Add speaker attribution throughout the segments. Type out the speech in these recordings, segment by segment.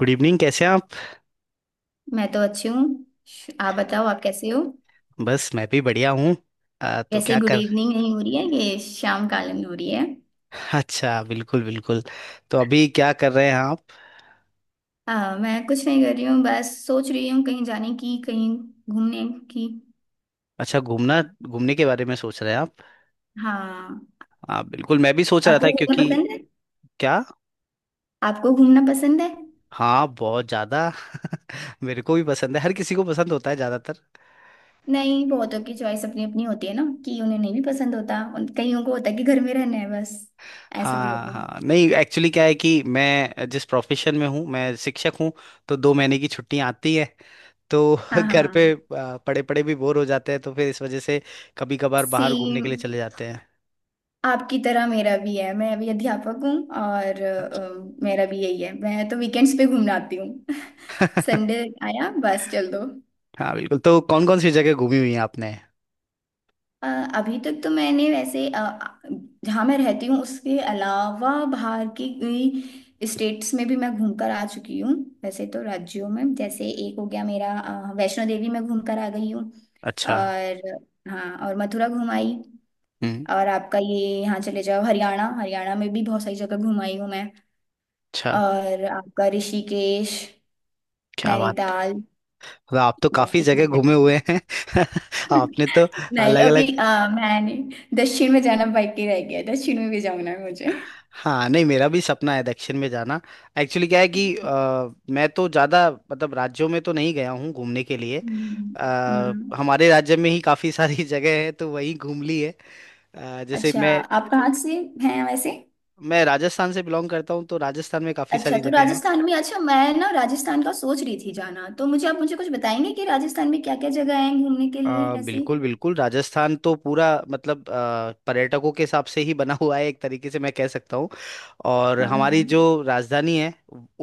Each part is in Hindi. Speaker 1: गुड इवनिंग कैसे हैं आप।
Speaker 2: मैं तो अच्छी हूँ। आप बताओ, आप कैसे हो?
Speaker 1: बस मैं भी बढ़िया हूँ। तो
Speaker 2: कैसे
Speaker 1: क्या
Speaker 2: गुड
Speaker 1: कर
Speaker 2: इवनिंग नहीं हो रही है, ये शाम कालीन हो रही है।
Speaker 1: अच्छा बिल्कुल बिल्कुल। तो अभी क्या कर रहे हैं आप।
Speaker 2: हाँ, मैं कुछ नहीं कर रही हूँ, बस सोच रही हूँ कहीं जाने की, कहीं घूमने की।
Speaker 1: अच्छा घूमना घूमने के बारे में सोच रहे हैं आप।
Speaker 2: हाँ,
Speaker 1: हाँ बिल्कुल मैं भी सोच रहा
Speaker 2: आपको
Speaker 1: था
Speaker 2: घूमना
Speaker 1: क्योंकि
Speaker 2: पसंद है?
Speaker 1: क्या।
Speaker 2: आपको घूमना पसंद है?
Speaker 1: हाँ बहुत ज़्यादा। मेरे को भी पसंद है, हर किसी को पसंद होता है ज़्यादातर।
Speaker 2: नहीं, बहुतों की चॉइस अपनी अपनी होती है ना, कि उन्हें नहीं भी पसंद होता, उन कईयों को होता है कि घर में रहना है बस। ऐसा भी
Speaker 1: हाँ
Speaker 2: होता है।
Speaker 1: हाँ, नहीं एक्चुअली क्या है कि मैं जिस प्रोफेशन में हूँ, मैं शिक्षक हूँ। तो 2 महीने की छुट्टियाँ आती है। तो
Speaker 2: हाँ
Speaker 1: घर
Speaker 2: हाँ।
Speaker 1: पे पड़े पड़े भी बोर हो जाते हैं तो फिर इस वजह से कभी कभार बाहर
Speaker 2: सेम
Speaker 1: घूमने के लिए चले जाते
Speaker 2: आपकी तरह मेरा भी है, मैं भी अध्यापक हूँ। और
Speaker 1: हैं।
Speaker 2: मेरा भी यही है, मैं तो वीकेंड्स पे घूमने आती हूँ। संडे आया बस चल दो।
Speaker 1: हाँ बिल्कुल, तो कौन कौन सी जगह घूमी हुई है आपने।
Speaker 2: अ, अभी तक तो मैंने वैसे जहाँ मैं रहती हूँ उसके अलावा बाहर की स्टेट्स में भी मैं घूमकर आ चुकी हूँ। वैसे तो राज्यों में, जैसे एक हो गया मेरा वैष्णो देवी में घूमकर आ गई हूँ।
Speaker 1: अच्छा।
Speaker 2: और हाँ, और मथुरा घुमाई।
Speaker 1: हम्म।
Speaker 2: और आपका ये, यहाँ चले जाओ हरियाणा, हरियाणा में भी बहुत सारी जगह घुमाई हूँ मैं।
Speaker 1: अच्छा
Speaker 2: और आपका ऋषिकेश,
Speaker 1: क्या बात है,
Speaker 2: नैनीताल।
Speaker 1: मतलब आप तो
Speaker 2: बस
Speaker 1: काफी
Speaker 2: इतनी
Speaker 1: जगह
Speaker 2: जगह
Speaker 1: घूमे
Speaker 2: पे।
Speaker 1: हुए हैं। आपने तो
Speaker 2: नहीं,
Speaker 1: अलग
Speaker 2: अभी
Speaker 1: अलग।
Speaker 2: मैंने दक्षिण में जाना बाकी रह गया, दक्षिण में भी जाना है मुझे।
Speaker 1: हाँ नहीं, मेरा भी सपना है दक्षिण में जाना। एक्चुअली क्या है कि मैं तो ज्यादा मतलब राज्यों में तो नहीं गया हूँ घूमने के लिए।
Speaker 2: हम्म। हम्म।
Speaker 1: हमारे राज्य में ही काफी सारी जगह है तो वही घूम ली है। अ, जैसे
Speaker 2: अच्छा, आप कहाँ से हैं वैसे?
Speaker 1: मैं राजस्थान से बिलोंग करता हूँ तो राजस्थान में काफी
Speaker 2: अच्छा,
Speaker 1: सारी
Speaker 2: तो
Speaker 1: जगह है।
Speaker 2: राजस्थान में। अच्छा, मैं ना राजस्थान का सोच रही थी जाना, तो मुझे आप, मुझे कुछ बताएंगे कि राजस्थान में क्या क्या जगह हैं घूमने के लिए ऐसे?
Speaker 1: बिल्कुल बिल्कुल, राजस्थान तो पूरा मतलब पर्यटकों के हिसाब से ही बना हुआ है एक तरीके से मैं कह सकता हूँ। और हमारी जो
Speaker 2: हाँ
Speaker 1: राजधानी है,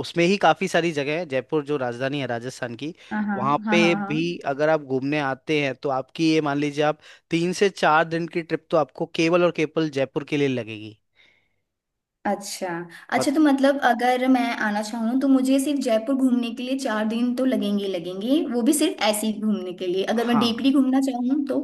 Speaker 1: उसमें ही काफ़ी सारी जगह है। जयपुर जो राजधानी है राजस्थान की,
Speaker 2: हाँ हाँ
Speaker 1: वहाँ
Speaker 2: हाँ
Speaker 1: पे
Speaker 2: हाँ हाँ।
Speaker 1: भी अगर आप घूमने आते हैं तो आपकी ये मान लीजिए, आप 3 से 4 दिन की ट्रिप तो आपको केवल और केवल जयपुर के लिए लगेगी।
Speaker 2: अच्छा, अच्छा
Speaker 1: मत
Speaker 2: तो मतलब अगर मैं आना चाहूँ तो मुझे सिर्फ जयपुर घूमने के लिए चार दिन तो लगेंगे ही लगेंगे, वो भी सिर्फ ऐसे ही घूमने के लिए, अगर मैं
Speaker 1: हाँ,
Speaker 2: डीपली घूमना चाहूँ तो?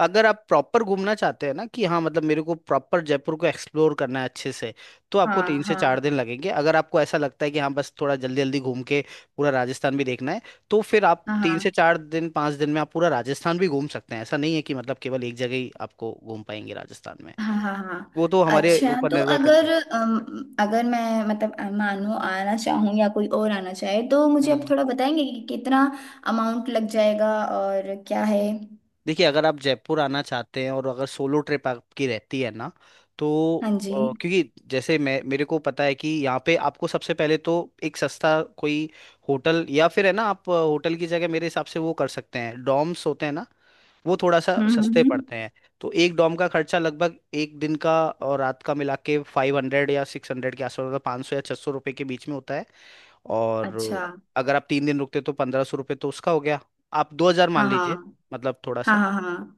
Speaker 1: अगर आप प्रॉपर घूमना चाहते हैं, ना कि हाँ मतलब मेरे को प्रॉपर जयपुर को एक्सप्लोर करना है अच्छे से, तो आपको
Speaker 2: हाँ
Speaker 1: तीन से
Speaker 2: हाँ
Speaker 1: चार दिन लगेंगे। अगर आपको ऐसा लगता है कि हाँ बस थोड़ा जल्दी जल्दी घूम के पूरा राजस्थान भी देखना है, तो फिर आप
Speaker 2: हाँ
Speaker 1: तीन से
Speaker 2: हाँ
Speaker 1: चार दिन 5 दिन में आप पूरा राजस्थान भी घूम सकते हैं। ऐसा नहीं है कि मतलब केवल एक जगह ही आपको घूम पाएंगे राजस्थान में,
Speaker 2: हाँ हाँ हाँ।
Speaker 1: वो तो हमारे
Speaker 2: अच्छा,
Speaker 1: ऊपर
Speaker 2: तो
Speaker 1: निर्भर करता
Speaker 2: अगर अगर मैं, मतलब मानो आना चाहूँ या कोई और आना चाहे तो मुझे
Speaker 1: है।
Speaker 2: आप थोड़ा बताएंगे कि कितना अमाउंट लग जाएगा और क्या है?
Speaker 1: देखिए, अगर आप जयपुर आना चाहते हैं और अगर सोलो ट्रिप आपकी रहती है ना, तो
Speaker 2: हाँ
Speaker 1: अ,
Speaker 2: जी।
Speaker 1: क्योंकि जैसे मैं मेरे को पता है कि यहाँ पे आपको सबसे पहले तो एक सस्ता कोई होटल, या फिर है ना आप होटल की जगह मेरे हिसाब से वो कर सकते हैं, डॉम्स होते हैं ना, वो थोड़ा सा
Speaker 2: हम्म।
Speaker 1: सस्ते
Speaker 2: हम्म।
Speaker 1: पड़ते हैं। तो एक डॉम का खर्चा लगभग एक दिन का और रात का मिला के 500 या 600 के आसपास, मतलब 500 या 600 रुपये के बीच में होता है।
Speaker 2: अच्छा।
Speaker 1: और अगर आप 3 दिन रुकते तो 1500 रुपये तो उसका हो गया। आप 2000 मान
Speaker 2: हाँ
Speaker 1: लीजिए,
Speaker 2: हाँ
Speaker 1: मतलब थोड़ा
Speaker 2: हाँ
Speaker 1: सा।
Speaker 2: हाँ हाँ।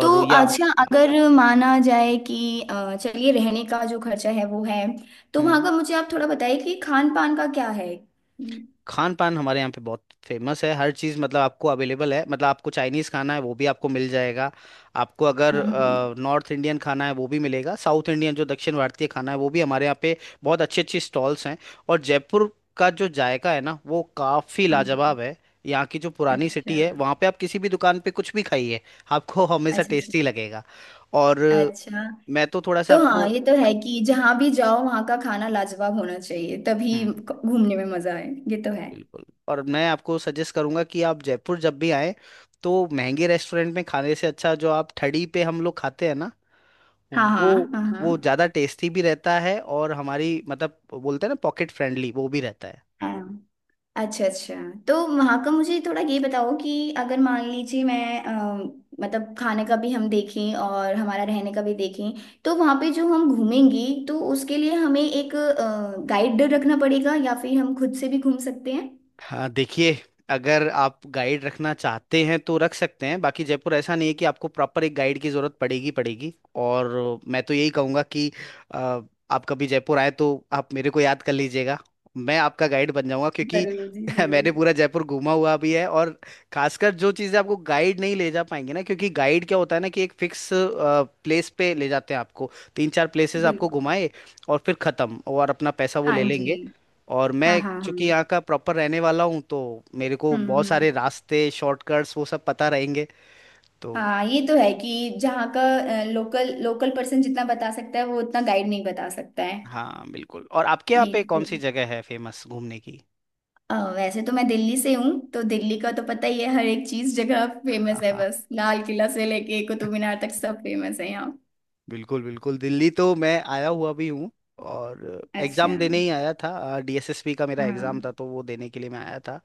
Speaker 2: तो
Speaker 1: या
Speaker 2: अच्छा, अगर माना जाए कि चलिए रहने का जो खर्चा है वो है, तो वहाँ
Speaker 1: हम्म
Speaker 2: का मुझे आप थोड़ा बताइए कि खान पान का क्या है? हम्म।
Speaker 1: खान पान हमारे यहाँ पे बहुत फेमस है। हर चीज़ मतलब आपको अवेलेबल है। मतलब आपको चाइनीज़ खाना है वो भी आपको मिल जाएगा, आपको अगर
Speaker 2: हम्म।
Speaker 1: नॉर्थ इंडियन खाना है वो भी मिलेगा, साउथ इंडियन जो दक्षिण भारतीय खाना है वो भी हमारे यहाँ पे बहुत अच्छी अच्छी स्टॉल्स हैं। और जयपुर का जो जायका है ना वो काफ़ी
Speaker 2: हाँ।
Speaker 1: लाजवाब है। यहाँ की जो पुरानी
Speaker 2: अच्छा
Speaker 1: सिटी है वहाँ पे आप किसी भी दुकान पे कुछ भी खाइए, आपको हमेशा
Speaker 2: अच्छा। अच्छा
Speaker 1: टेस्टी लगेगा। और
Speaker 2: अच्छा।
Speaker 1: मैं तो थोड़ा सा
Speaker 2: तो
Speaker 1: आपको
Speaker 2: हाँ, ये तो है कि जहाँ भी जाओ वहाँ का खाना लाजवाब होना चाहिए, तभी घूमने में मजा आए, ये तो है।
Speaker 1: बिल्कुल, और मैं आपको सजेस्ट करूंगा कि आप जयपुर जब भी आए तो महंगे रेस्टोरेंट में खाने से अच्छा जो आप थड़ी पे हम लोग खाते हैं ना,
Speaker 2: हाँ
Speaker 1: वो
Speaker 2: हाँ हाँ
Speaker 1: वो
Speaker 2: हाँ
Speaker 1: ज्यादा टेस्टी भी रहता है और हमारी मतलब बोलते हैं ना पॉकेट फ्रेंडली, वो भी रहता है।
Speaker 2: हाँ। अच्छा अच्छा। तो वहाँ का मुझे थोड़ा ये बताओ कि अगर मान लीजिए मैं मतलब खाने का भी हम देखें और हमारा रहने का भी देखें, तो वहाँ पे जो हम घूमेंगी तो उसके लिए हमें एक गाइड रखना पड़ेगा या फिर हम खुद से भी घूम सकते हैं?
Speaker 1: हाँ देखिए, अगर आप गाइड रखना चाहते हैं तो रख सकते हैं, बाकी जयपुर ऐसा नहीं है कि आपको प्रॉपर एक गाइड की ज़रूरत पड़ेगी पड़ेगी। और मैं तो यही कहूँगा कि अ, आप कभी जयपुर आए तो आप मेरे को याद कर लीजिएगा, मैं आपका गाइड बन जाऊँगा क्योंकि
Speaker 2: जरूर जी, जरूर।
Speaker 1: मैंने पूरा जयपुर घूमा हुआ भी है। और खासकर जो चीज़ें आपको गाइड नहीं ले जा पाएंगे ना, क्योंकि गाइड क्या होता है ना कि एक फिक्स प्लेस पे ले जाते हैं आपको, तीन चार प्लेसेस आपको
Speaker 2: बिल्कुल।
Speaker 1: घुमाए और फिर ख़त्म, और अपना पैसा वो
Speaker 2: हाँ
Speaker 1: ले
Speaker 2: जी।
Speaker 1: लेंगे। और
Speaker 2: हाँ
Speaker 1: मैं
Speaker 2: हाँ हाँ।
Speaker 1: चूंकि यहाँ का प्रॉपर रहने वाला हूँ तो मेरे को बहुत
Speaker 2: हम्म।
Speaker 1: सारे रास्ते शॉर्टकट्स वो सब पता रहेंगे। तो
Speaker 2: हाँ, ये तो है कि जहाँ का लोकल, लोकल पर्सन जितना बता सकता है वो उतना गाइड नहीं बता सकता है।
Speaker 1: हाँ बिल्कुल, और आपके यहाँ
Speaker 2: ये
Speaker 1: पे कौन सी जगह है फेमस घूमने की।
Speaker 2: वैसे तो मैं दिल्ली से हूँ, तो दिल्ली का तो पता ही है, हर एक चीज, जगह
Speaker 1: हाँ
Speaker 2: फेमस है,
Speaker 1: हाँ
Speaker 2: बस लाल किला से लेके कुतुब मीनार तक सब फेमस है यहाँ।
Speaker 1: बिल्कुल बिल्कुल, दिल्ली तो मैं आया हुआ भी हूँ। और
Speaker 2: अच्छा।
Speaker 1: एग्ज़ाम देने ही आया था, डीएसएसबी का मेरा एग्ज़ाम
Speaker 2: हाँ।
Speaker 1: था तो वो देने के लिए मैं आया था।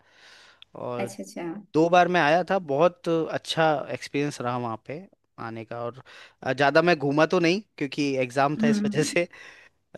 Speaker 1: और
Speaker 2: अच्छा अच्छा।
Speaker 1: 2 बार मैं आया था, बहुत अच्छा एक्सपीरियंस रहा वहाँ पे आने का। और ज़्यादा मैं घूमा तो नहीं क्योंकि एग्ज़ाम था इस वजह
Speaker 2: हम्म।
Speaker 1: से,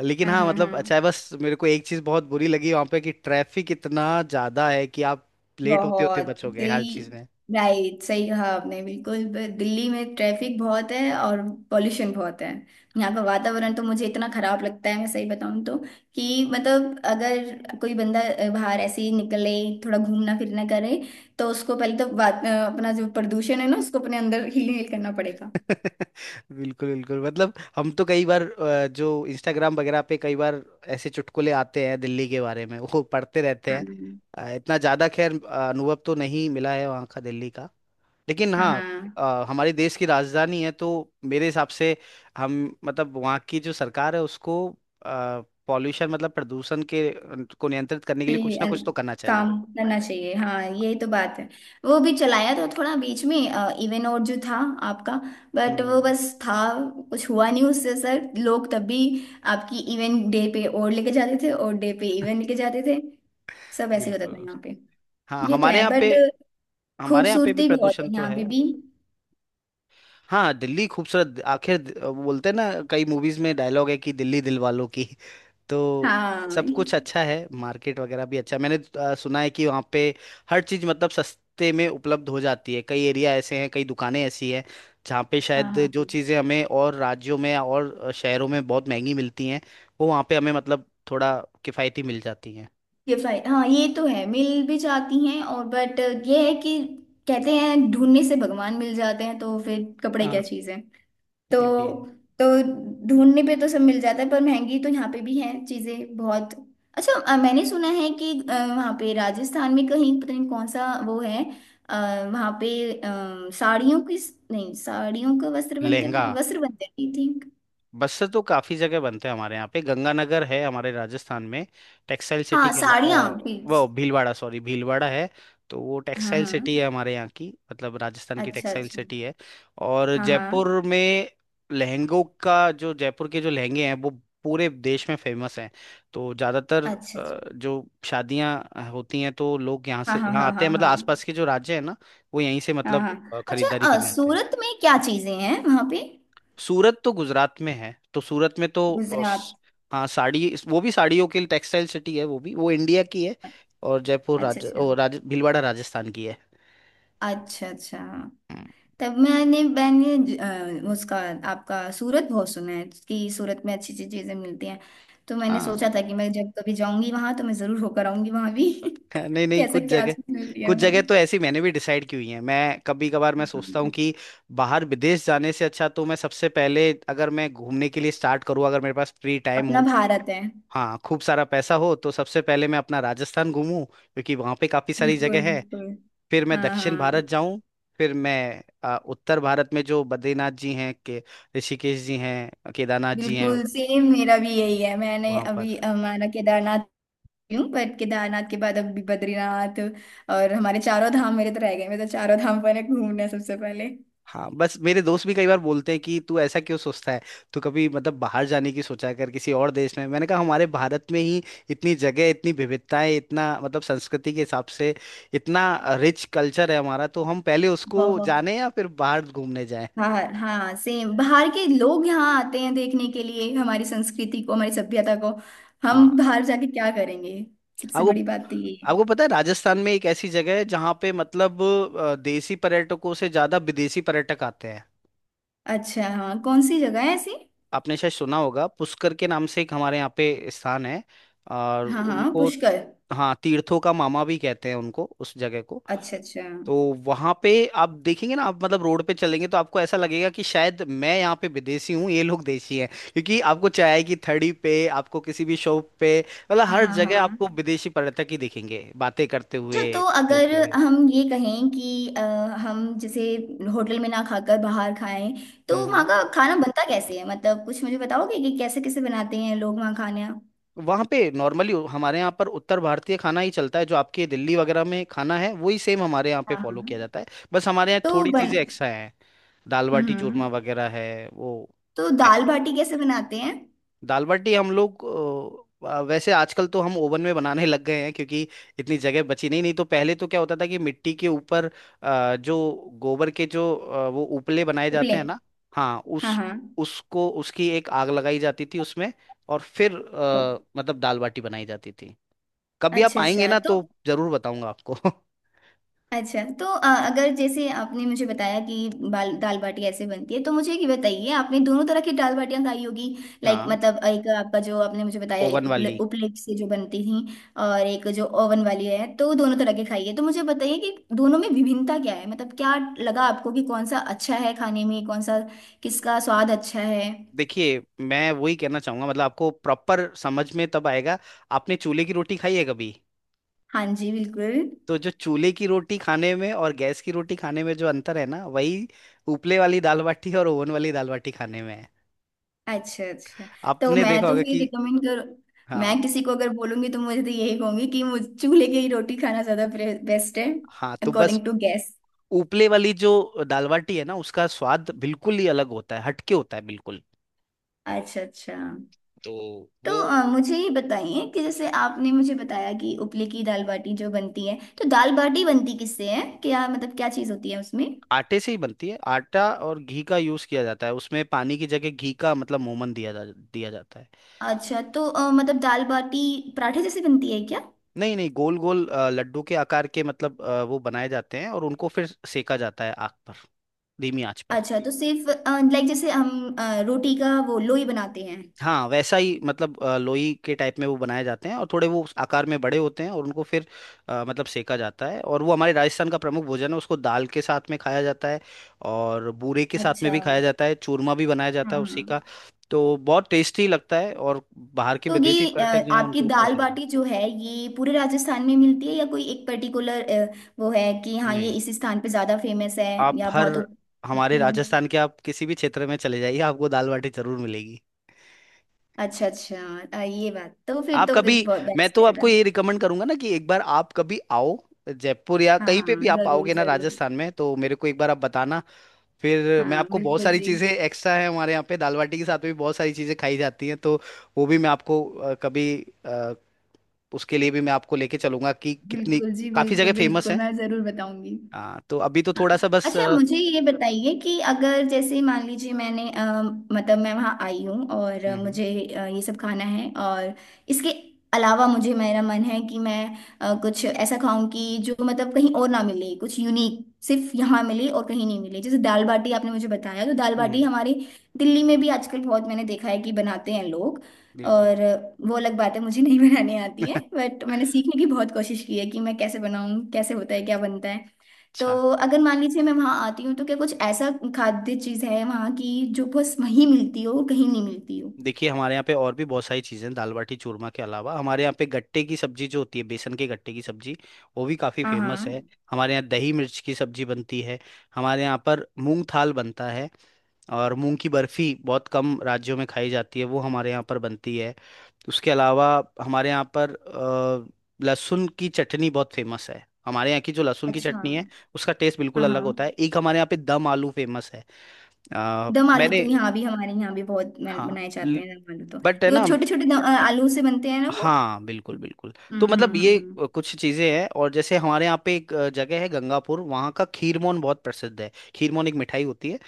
Speaker 1: लेकिन
Speaker 2: हाँ
Speaker 1: हाँ
Speaker 2: हाँ हाँ।
Speaker 1: मतलब अच्छा है। बस मेरे को एक चीज बहुत बुरी लगी वहां पे कि ट्रैफिक इतना ज्यादा है कि आप लेट होते होते
Speaker 2: बहुत
Speaker 1: बचोगे
Speaker 2: दिल्ली,
Speaker 1: हर चीज में।
Speaker 2: राइट, सही कहा आपने। बिल्कुल दिल्ली में ट्रैफिक बहुत है और पोल्यूशन बहुत है। यहाँ का वातावरण तो मुझे इतना खराब लगता है, मैं सही बताऊँ तो, कि मतलब अगर कोई बंदा बाहर ऐसे ही निकले, थोड़ा घूमना फिरना करे, तो उसको पहले तो अपना जो प्रदूषण है ना उसको अपने अंदर हील करना पड़ेगा।
Speaker 1: बिल्कुल बिल्कुल, मतलब हम तो कई बार जो इंस्टाग्राम वगैरह पे कई बार ऐसे चुटकुले आते हैं दिल्ली के बारे में वो पढ़ते रहते हैं।
Speaker 2: हाँ
Speaker 1: इतना ज्यादा खैर अनुभव तो नहीं मिला है वहाँ का दिल्ली का, लेकिन
Speaker 2: हाँ
Speaker 1: हाँ
Speaker 2: हाँ।
Speaker 1: हमारे देश की राजधानी है तो मेरे हिसाब से हम मतलब वहाँ की जो सरकार है उसको पॉल्यूशन मतलब प्रदूषण के को नियंत्रित करने के लिए कुछ
Speaker 2: कि
Speaker 1: ना कुछ
Speaker 2: अन-
Speaker 1: तो करना
Speaker 2: काम
Speaker 1: चाहिए।
Speaker 2: करना चाहिए, हाँ यही तो बात है। वो भी चलाया तो थोड़ा बीच में इवन और जो था आपका, बट वो
Speaker 1: हम्म,
Speaker 2: बस था, कुछ हुआ नहीं उससे सर, लोग तब भी आपकी इवन डे पे और लेके जाते थे और डे पे इवन लेके जाते थे, सब ऐसे होता था
Speaker 1: बिल्कुल।
Speaker 2: यहाँ पे।
Speaker 1: हाँ
Speaker 2: ये तो
Speaker 1: हमारे
Speaker 2: है,
Speaker 1: यहाँ पे,
Speaker 2: बट
Speaker 1: हमारे यहाँ पे भी
Speaker 2: खूबसूरती बहुत
Speaker 1: प्रदूषण
Speaker 2: है
Speaker 1: तो
Speaker 2: यहाँ
Speaker 1: है।
Speaker 2: पे भी।
Speaker 1: हाँ दिल्ली खूबसूरत आखिर बोलते हैं ना, कई मूवीज में डायलॉग है कि दिल्ली दिल वालों की। तो
Speaker 2: हाँ
Speaker 1: सब कुछ अच्छा है, मार्केट वगैरह भी अच्छा है। मैंने सुना है कि वहाँ पे हर चीज़ मतलब सस्ते में उपलब्ध हो जाती है। कई एरिया ऐसे हैं, कई दुकानें ऐसी हैं जहाँ पे
Speaker 2: हाँ
Speaker 1: शायद
Speaker 2: हाँ।
Speaker 1: जो चीज़ें हमें और राज्यों में और शहरों में बहुत महंगी मिलती हैं वो वहाँ पे हमें मतलब थोड़ा किफ़ायती मिल जाती हैं।
Speaker 2: ये फाइ हाँ, ये तो है, मिल भी जाती हैं, और बट ये है कि कहते हैं ढूंढने से भगवान मिल जाते हैं, तो फिर कपड़े क्या
Speaker 1: हाँ
Speaker 2: चीज़ है। तो
Speaker 1: ये भी है।
Speaker 2: तो ढूंढने पे तो सब मिल जाता है, पर महंगी तो यहाँ पे भी है चीज़ें बहुत। अच्छा, मैंने सुना है कि वहाँ पे राजस्थान में कहीं, पता नहीं कौन सा वो है, अ, वहाँ पे साड़ियों की, नहीं साड़ियों का वस्त्र बनते,
Speaker 1: लहंगा
Speaker 2: नहीं वस्त्र बनते आई थिंक।
Speaker 1: बस से तो काफी जगह बनते हैं हमारे यहाँ पे, गंगानगर है हमारे राजस्थान में टेक्सटाइल सिटी
Speaker 2: हाँ
Speaker 1: के,
Speaker 2: साड़ियाँ please।
Speaker 1: वो भीलवाड़ा, सॉरी भीलवाड़ा है। तो वो
Speaker 2: हाँ
Speaker 1: टेक्सटाइल
Speaker 2: हाँ।
Speaker 1: सिटी है हमारे यहाँ की, मतलब राजस्थान की
Speaker 2: अच्छा
Speaker 1: टेक्सटाइल
Speaker 2: अच्छा।
Speaker 1: सिटी है। और
Speaker 2: हाँ हाँ।
Speaker 1: जयपुर में लहंगों का, जो जयपुर के जो लहंगे हैं वो पूरे देश में फेमस हैं। तो ज़्यादातर
Speaker 2: अच्छा अच्छा।
Speaker 1: जो शादियाँ होती हैं तो लोग यहाँ
Speaker 2: हाँ
Speaker 1: से,
Speaker 2: हाँ
Speaker 1: यहाँ
Speaker 2: हाँ
Speaker 1: आते हैं,
Speaker 2: हाँ
Speaker 1: मतलब
Speaker 2: हाँ
Speaker 1: आसपास के जो राज्य है ना वो यहीं से
Speaker 2: हाँ
Speaker 1: मतलब
Speaker 2: हाँ। अच्छा,
Speaker 1: खरीदारी करने आते हैं।
Speaker 2: सूरत में क्या चीजें हैं वहां पे?
Speaker 1: सूरत तो गुजरात में है, तो सूरत में तो
Speaker 2: गुजरात।
Speaker 1: हाँ साड़ी वो भी साड़ियों के लिए टेक्सटाइल सिटी है, वो भी वो इंडिया की है। और जयपुर
Speaker 2: अच्छा
Speaker 1: राज
Speaker 2: अच्छा।
Speaker 1: ओ राज भीलवाड़ा राजस्थान की है।
Speaker 2: अच्छा अच्छा।
Speaker 1: हम्म,
Speaker 2: तब मैंने मैंने उसका आपका सूरत बहुत सुना है कि सूरत में अच्छी अच्छी चीजें मिलती हैं, तो मैंने
Speaker 1: हाँ
Speaker 2: सोचा था कि मैं जब कभी जाऊंगी वहां तो मैं जरूर होकर आऊंगी वहां भी
Speaker 1: हाँ, नहीं नहीं
Speaker 2: कैसा,
Speaker 1: कुछ
Speaker 2: क्या
Speaker 1: जगह,
Speaker 2: चीज मिलती है
Speaker 1: कुछ
Speaker 2: वहाँ।
Speaker 1: जगह तो ऐसी मैंने भी डिसाइड की हुई है। मैं कभी कभार मैं सोचता हूँ
Speaker 2: हम्म।
Speaker 1: कि बाहर विदेश जाने से अच्छा तो मैं सबसे पहले, अगर मैं घूमने के लिए स्टार्ट करूँ, अगर मेरे पास फ्री टाइम
Speaker 2: अपना
Speaker 1: हो,
Speaker 2: भारत है।
Speaker 1: हाँ खूब सारा पैसा हो, तो सबसे पहले मैं अपना राजस्थान घूमूं क्योंकि वहां पे काफी सारी जगह
Speaker 2: बिल्कुल
Speaker 1: है।
Speaker 2: बिल्कुल।
Speaker 1: फिर मैं
Speaker 2: हाँ
Speaker 1: दक्षिण
Speaker 2: हाँ।
Speaker 1: भारत जाऊं, फिर मैं उत्तर भारत में जो बद्रीनाथ जी हैं के, ऋषिकेश जी हैं, केदारनाथ जी हैं
Speaker 2: बिल्कुल सेम, मेरा भी यही है, मैंने
Speaker 1: वहां पर।
Speaker 2: अभी हमारा केदारनाथ हूँ, पर केदारनाथ के बाद अभी बद्रीनाथ, और हमारे चारों धाम मेरे तो रह गए, मैं तो चारों धाम पर घूमना है सबसे पहले।
Speaker 1: हाँ बस मेरे दोस्त भी कई बार बोलते हैं कि तू ऐसा क्यों सोचता है, तू कभी मतलब बाहर जाने की सोचा कर, किसी और देश में। मैंने कहा हमारे भारत में ही इतनी जगह, इतनी विविधताएं, इतना मतलब संस्कृति के हिसाब से इतना रिच कल्चर है हमारा, तो हम पहले उसको
Speaker 2: बहुत।
Speaker 1: जाने या फिर बाहर घूमने जाएं।
Speaker 2: बाहर, हाँ सेम, बाहर के लोग यहाँ आते हैं देखने के लिए हमारी संस्कृति को, हमारी सभ्यता को। हम
Speaker 1: हाँ।
Speaker 2: बाहर जाके क्या करेंगे, सबसे
Speaker 1: आपको
Speaker 2: बड़ी बात तो ये है।
Speaker 1: आपको पता है राजस्थान में एक ऐसी जगह है जहाँ पे मतलब देसी पर्यटकों से ज्यादा विदेशी पर्यटक आते हैं।
Speaker 2: अच्छा, हाँ कौन सी जगह है ऐसी?
Speaker 1: आपने शायद सुना होगा पुष्कर के नाम से, एक हमारे यहाँ पे स्थान है, और
Speaker 2: हाँ हाँ
Speaker 1: उनको,
Speaker 2: पुष्कर।
Speaker 1: हाँ तीर्थों का मामा भी कहते हैं उनको, उस जगह को।
Speaker 2: अच्छा अच्छा।
Speaker 1: तो वहाँ पे आप देखेंगे ना, आप मतलब रोड पे चलेंगे तो आपको ऐसा लगेगा कि शायद मैं यहाँ पे विदेशी हूँ, ये लोग देशी हैं। क्योंकि आपको चाय की थड़ी पे, आपको किसी भी शॉप पे, मतलब हर
Speaker 2: हाँ
Speaker 1: जगह
Speaker 2: हाँ।
Speaker 1: आपको विदेशी पर्यटक ही दिखेंगे बातें करते
Speaker 2: अच्छा,
Speaker 1: हुए
Speaker 2: तो अगर
Speaker 1: चलते हुए।
Speaker 2: हम ये कहें कि हम जैसे होटल में ना खाकर बाहर खाएं, तो वहाँ
Speaker 1: हम्म
Speaker 2: का खाना बनता कैसे है, मतलब कुछ मुझे बताओगे कि कैसे कैसे बनाते हैं लोग वहाँ खाने? हाँ
Speaker 1: वहाँ पे नॉर्मली हमारे यहाँ पर उत्तर भारतीय खाना ही चलता है, जो आपके दिल्ली वगैरह में खाना है वही सेम हमारे यहाँ पे
Speaker 2: हाँ।
Speaker 1: फॉलो किया जाता है। बस हमारे यहाँ
Speaker 2: तो
Speaker 1: थोड़ी
Speaker 2: बन
Speaker 1: चीजें एक्स्ट्रा हैं, दाल बाटी
Speaker 2: हम्म।
Speaker 1: चूरमा वगैरह है वो।
Speaker 2: तो दाल बाटी कैसे बनाते हैं?
Speaker 1: दाल बाटी हम लोग वैसे आजकल तो हम ओवन में बनाने लग गए हैं, क्योंकि इतनी जगह बची नहीं, नहीं तो पहले तो क्या होता था कि मिट्टी के ऊपर जो गोबर के जो वो उपले बनाए
Speaker 2: उपले।
Speaker 1: जाते हैं ना, हाँ
Speaker 2: हाँ
Speaker 1: उस
Speaker 2: हाँ।
Speaker 1: उसको, उसकी एक आग लगाई जाती थी उसमें और फिर
Speaker 2: ओ,
Speaker 1: मतलब दाल बाटी बनाई जाती थी। कभी आप
Speaker 2: अच्छा
Speaker 1: आएंगे
Speaker 2: अच्छा।
Speaker 1: ना
Speaker 2: तो
Speaker 1: तो जरूर बताऊंगा आपको।
Speaker 2: अच्छा, तो अगर जैसे आपने मुझे बताया कि बाल दाल बाटी ऐसे बनती है, तो मुझे ये बताइए, आपने दोनों तरह की दाल बाटियाँ खाई होगी, लाइक
Speaker 1: हाँ
Speaker 2: मतलब एक आपका जो आपने मुझे बताया, एक
Speaker 1: ओवन
Speaker 2: उपले,
Speaker 1: वाली।
Speaker 2: उपलेट से जो बनती थी, और एक जो ओवन वाली है, तो दोनों तरह की खाई है, तो मुझे बताइए कि दोनों में विभिन्नता क्या है, मतलब क्या लगा आपको कि कौन सा अच्छा है खाने में, कौन सा, किसका स्वाद अच्छा है?
Speaker 1: देखिए मैं वही कहना चाहूंगा, मतलब आपको प्रॉपर समझ में तब आएगा, आपने चूल्हे की रोटी खाई है कभी।
Speaker 2: हाँ जी, बिल्कुल।
Speaker 1: तो जो चूल्हे की रोटी खाने में और गैस की रोटी खाने में जो अंतर है ना, वही उपले वाली दाल बाटी और ओवन वाली दाल बाटी खाने में है।
Speaker 2: अच्छा अच्छा। तो
Speaker 1: आपने
Speaker 2: मैं
Speaker 1: देखा
Speaker 2: तो
Speaker 1: होगा
Speaker 2: फिर
Speaker 1: कि।
Speaker 2: रिकमेंड कर,
Speaker 1: हाँ
Speaker 2: मैं किसी को अगर बोलूंगी तो मुझे तो यही कहूंगी कि मुझे चूल्हे की रोटी खाना ज्यादा बेस्ट है
Speaker 1: हाँ, तो बस
Speaker 2: अकॉर्डिंग टू गैस।
Speaker 1: उपले वाली जो दाल बाटी है ना, उसका स्वाद बिल्कुल ही अलग होता है, हटके होता है बिल्कुल।
Speaker 2: अच्छा अच्छा।
Speaker 1: तो
Speaker 2: तो
Speaker 1: वो
Speaker 2: मुझे ये बताइए कि जैसे आपने मुझे बताया कि उपले की दाल बाटी जो बनती है, तो दाल बाटी बनती किससे है क्या, मतलब क्या चीज़ होती है उसमें?
Speaker 1: आटे से ही बनती है। आटा और घी का यूज किया जाता है उसमें, पानी की जगह घी का मतलब मोमन दिया जा दिया जाता है।
Speaker 2: अच्छा, तो मतलब दाल बाटी पराठे जैसे बनती है क्या?
Speaker 1: नहीं नहीं, गोल गोल लड्डू के आकार के मतलब वो बनाए जाते हैं और उनको फिर सेका जाता है आग पर, धीमी आंच पर।
Speaker 2: अच्छा, तो सिर्फ, लाइक जैसे हम रोटी का वो लोई बनाते हैं?
Speaker 1: हाँ वैसा ही मतलब लोई के टाइप में वो बनाए जाते हैं और थोड़े वो उस आकार में बड़े होते हैं और उनको फिर मतलब सेका जाता है। और वो हमारे राजस्थान का प्रमुख भोजन है। उसको दाल के साथ में खाया जाता है और बूरे के साथ में
Speaker 2: अच्छा।
Speaker 1: भी खाया जाता है, चूरमा भी बनाया जाता
Speaker 2: हाँ
Speaker 1: है
Speaker 2: हाँ।
Speaker 1: उसी का। तो बहुत टेस्टी लगता है और बाहर के
Speaker 2: तो
Speaker 1: विदेशी
Speaker 2: ये
Speaker 1: पर्यटक जो है,
Speaker 2: आपकी
Speaker 1: उनको
Speaker 2: दाल
Speaker 1: पसंद है।
Speaker 2: बाटी जो है ये पूरे राजस्थान में मिलती है या कोई एक पर्टिकुलर वो है कि हाँ ये
Speaker 1: नहीं,
Speaker 2: इस स्थान पे ज्यादा फेमस है,
Speaker 1: आप
Speaker 2: या
Speaker 1: हर
Speaker 2: बहुत
Speaker 1: हमारे
Speaker 2: ये
Speaker 1: राजस्थान के आप किसी भी क्षेत्र में चले जाइए, आपको दाल बाटी जरूर मिलेगी।
Speaker 2: अच्छा अच्छा। ये बात तो फिर,
Speaker 1: आप
Speaker 2: तो
Speaker 1: कभी
Speaker 2: फिर बहुत
Speaker 1: मैं
Speaker 2: बेस्ट
Speaker 1: तो
Speaker 2: है
Speaker 1: आपको
Speaker 2: अगर।
Speaker 1: ये रिकमेंड करूंगा ना कि एक बार आप कभी आओ, जयपुर या
Speaker 2: हाँ
Speaker 1: कहीं पे
Speaker 2: हाँ,
Speaker 1: भी आप
Speaker 2: जरूर
Speaker 1: आओगे ना
Speaker 2: जरूर।
Speaker 1: राजस्थान में, तो मेरे को एक बार आप बताना। फिर मैं
Speaker 2: हाँ
Speaker 1: आपको बहुत
Speaker 2: बिल्कुल
Speaker 1: सारी
Speaker 2: जी।
Speaker 1: चीजें एक्स्ट्रा है हमारे यहाँ पे दाल बाटी के साथ, भी बहुत सारी चीजें खाई जाती हैं। तो वो भी मैं आपको कभी अ, उसके लिए भी मैं आपको लेके चलूंगा कि कितनी
Speaker 2: बिल्कुल जी,
Speaker 1: काफी
Speaker 2: बिल्कुल
Speaker 1: जगह फेमस
Speaker 2: बिल्कुल,
Speaker 1: है।
Speaker 2: मैं जरूर बताऊंगी।
Speaker 1: हाँ, तो अभी तो
Speaker 2: हाँ।
Speaker 1: थोड़ा सा बस
Speaker 2: अच्छा, मुझे ये बताइए कि अगर जैसे मान लीजिए मैंने मतलब मैं वहाँ आई हूँ और
Speaker 1: हम्म हम्म
Speaker 2: मुझे ये सब खाना है और इसके अलावा मुझे, मेरा मन है कि मैं कुछ ऐसा खाऊं कि जो मतलब कहीं और ना मिले, कुछ यूनिक, सिर्फ यहाँ मिले और कहीं नहीं मिले, जैसे दाल बाटी आपने मुझे बताया, तो दाल
Speaker 1: हम्म,
Speaker 2: बाटी हमारे दिल्ली में भी आजकल बहुत मैंने देखा है कि बनाते हैं लोग,
Speaker 1: बिल्कुल।
Speaker 2: और वो अलग बात है, मुझे नहीं बनाने आती है, बट मैंने सीखने की बहुत कोशिश की है कि मैं कैसे बनाऊं, कैसे होता है, क्या बनता है। तो
Speaker 1: अच्छा,
Speaker 2: अगर मान लीजिए मैं वहां आती हूँ, तो क्या कुछ ऐसा खाद्य चीज है वहां की जो बस वहीं मिलती हो, कहीं नहीं मिलती हो?
Speaker 1: देखिए हमारे यहाँ पे और भी बहुत सारी चीज़ें हैं दाल बाटी चूरमा के अलावा। हमारे यहाँ पे गट्टे की सब्जी जो होती है, बेसन के गट्टे की सब्जी, वो भी काफ़ी
Speaker 2: हाँ
Speaker 1: फेमस है।
Speaker 2: हाँ।
Speaker 1: हमारे यहाँ दही मिर्च की सब्जी बनती है। हमारे यहाँ पर मूंग थाल बनता है। और मूंग की बर्फी बहुत कम राज्यों में खाई जाती है, वो हमारे यहाँ पर बनती है। उसके अलावा हमारे यहाँ पर लहसुन की चटनी बहुत फेमस है। हमारे यहाँ की जो लहसुन की
Speaker 2: अच्छा।
Speaker 1: चटनी है, उसका टेस्ट बिल्कुल
Speaker 2: हाँ
Speaker 1: अलग होता
Speaker 2: हाँ।
Speaker 1: है। एक हमारे यहाँ पे दम आलू फेमस है। अ,
Speaker 2: दम आलू तो
Speaker 1: मैंने
Speaker 2: यहाँ भी, हमारे यहाँ भी बहुत
Speaker 1: हाँ,
Speaker 2: बनाए जाते हैं दम आलू तो।
Speaker 1: बट है
Speaker 2: ये
Speaker 1: ना।
Speaker 2: छोटे छोटे आलू से बनते हैं ना वो?
Speaker 1: हाँ बिल्कुल बिल्कुल। तो मतलब ये
Speaker 2: हम्म।
Speaker 1: कुछ चीजें हैं। और जैसे हमारे यहाँ पे एक जगह है गंगापुर, वहाँ का खीरमोन बहुत प्रसिद्ध है। खीरमोन एक मिठाई होती है,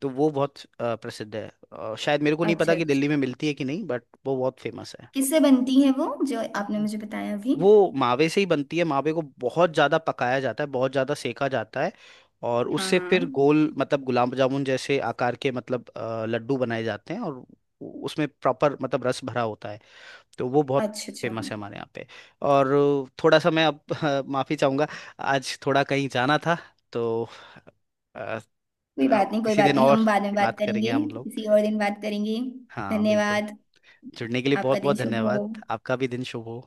Speaker 1: तो वो बहुत प्रसिद्ध है। शायद मेरे को नहीं पता
Speaker 2: अच्छा अच्छा।
Speaker 1: कि दिल्ली में मिलती है कि नहीं, बट वो बहुत फेमस है।
Speaker 2: किससे बनती है वो, जो आपने
Speaker 1: हम्म।
Speaker 2: मुझे बताया अभी?
Speaker 1: वो मावे से ही बनती है। मावे को बहुत ज्यादा पकाया जाता है, बहुत ज्यादा सेका जाता है, और
Speaker 2: हाँ
Speaker 1: उससे
Speaker 2: हाँ।
Speaker 1: फिर गोल मतलब गुलाब जामुन जैसे आकार के मतलब लड्डू बनाए जाते हैं। और उसमें प्रॉपर मतलब रस भरा होता है, तो वो बहुत
Speaker 2: अच्छा अच्छा।
Speaker 1: फेमस है हमारे यहाँ पे। और थोड़ा सा मैं अब माफ़ी चाहूँगा, आज थोड़ा कहीं जाना था, तो अ,
Speaker 2: कोई बात
Speaker 1: अब
Speaker 2: नहीं, कोई
Speaker 1: किसी
Speaker 2: बात
Speaker 1: दिन
Speaker 2: नहीं,
Speaker 1: और
Speaker 2: हम बाद में बात
Speaker 1: बात करेंगे
Speaker 2: करेंगे।
Speaker 1: हम लोग।
Speaker 2: किसी और दिन बात करेंगे।
Speaker 1: हाँ बिल्कुल,
Speaker 2: धन्यवाद।
Speaker 1: जुड़ने के लिए बहुत
Speaker 2: आपका दिन
Speaker 1: बहुत
Speaker 2: शुभ हो।
Speaker 1: धन्यवाद। आपका भी दिन शुभ हो।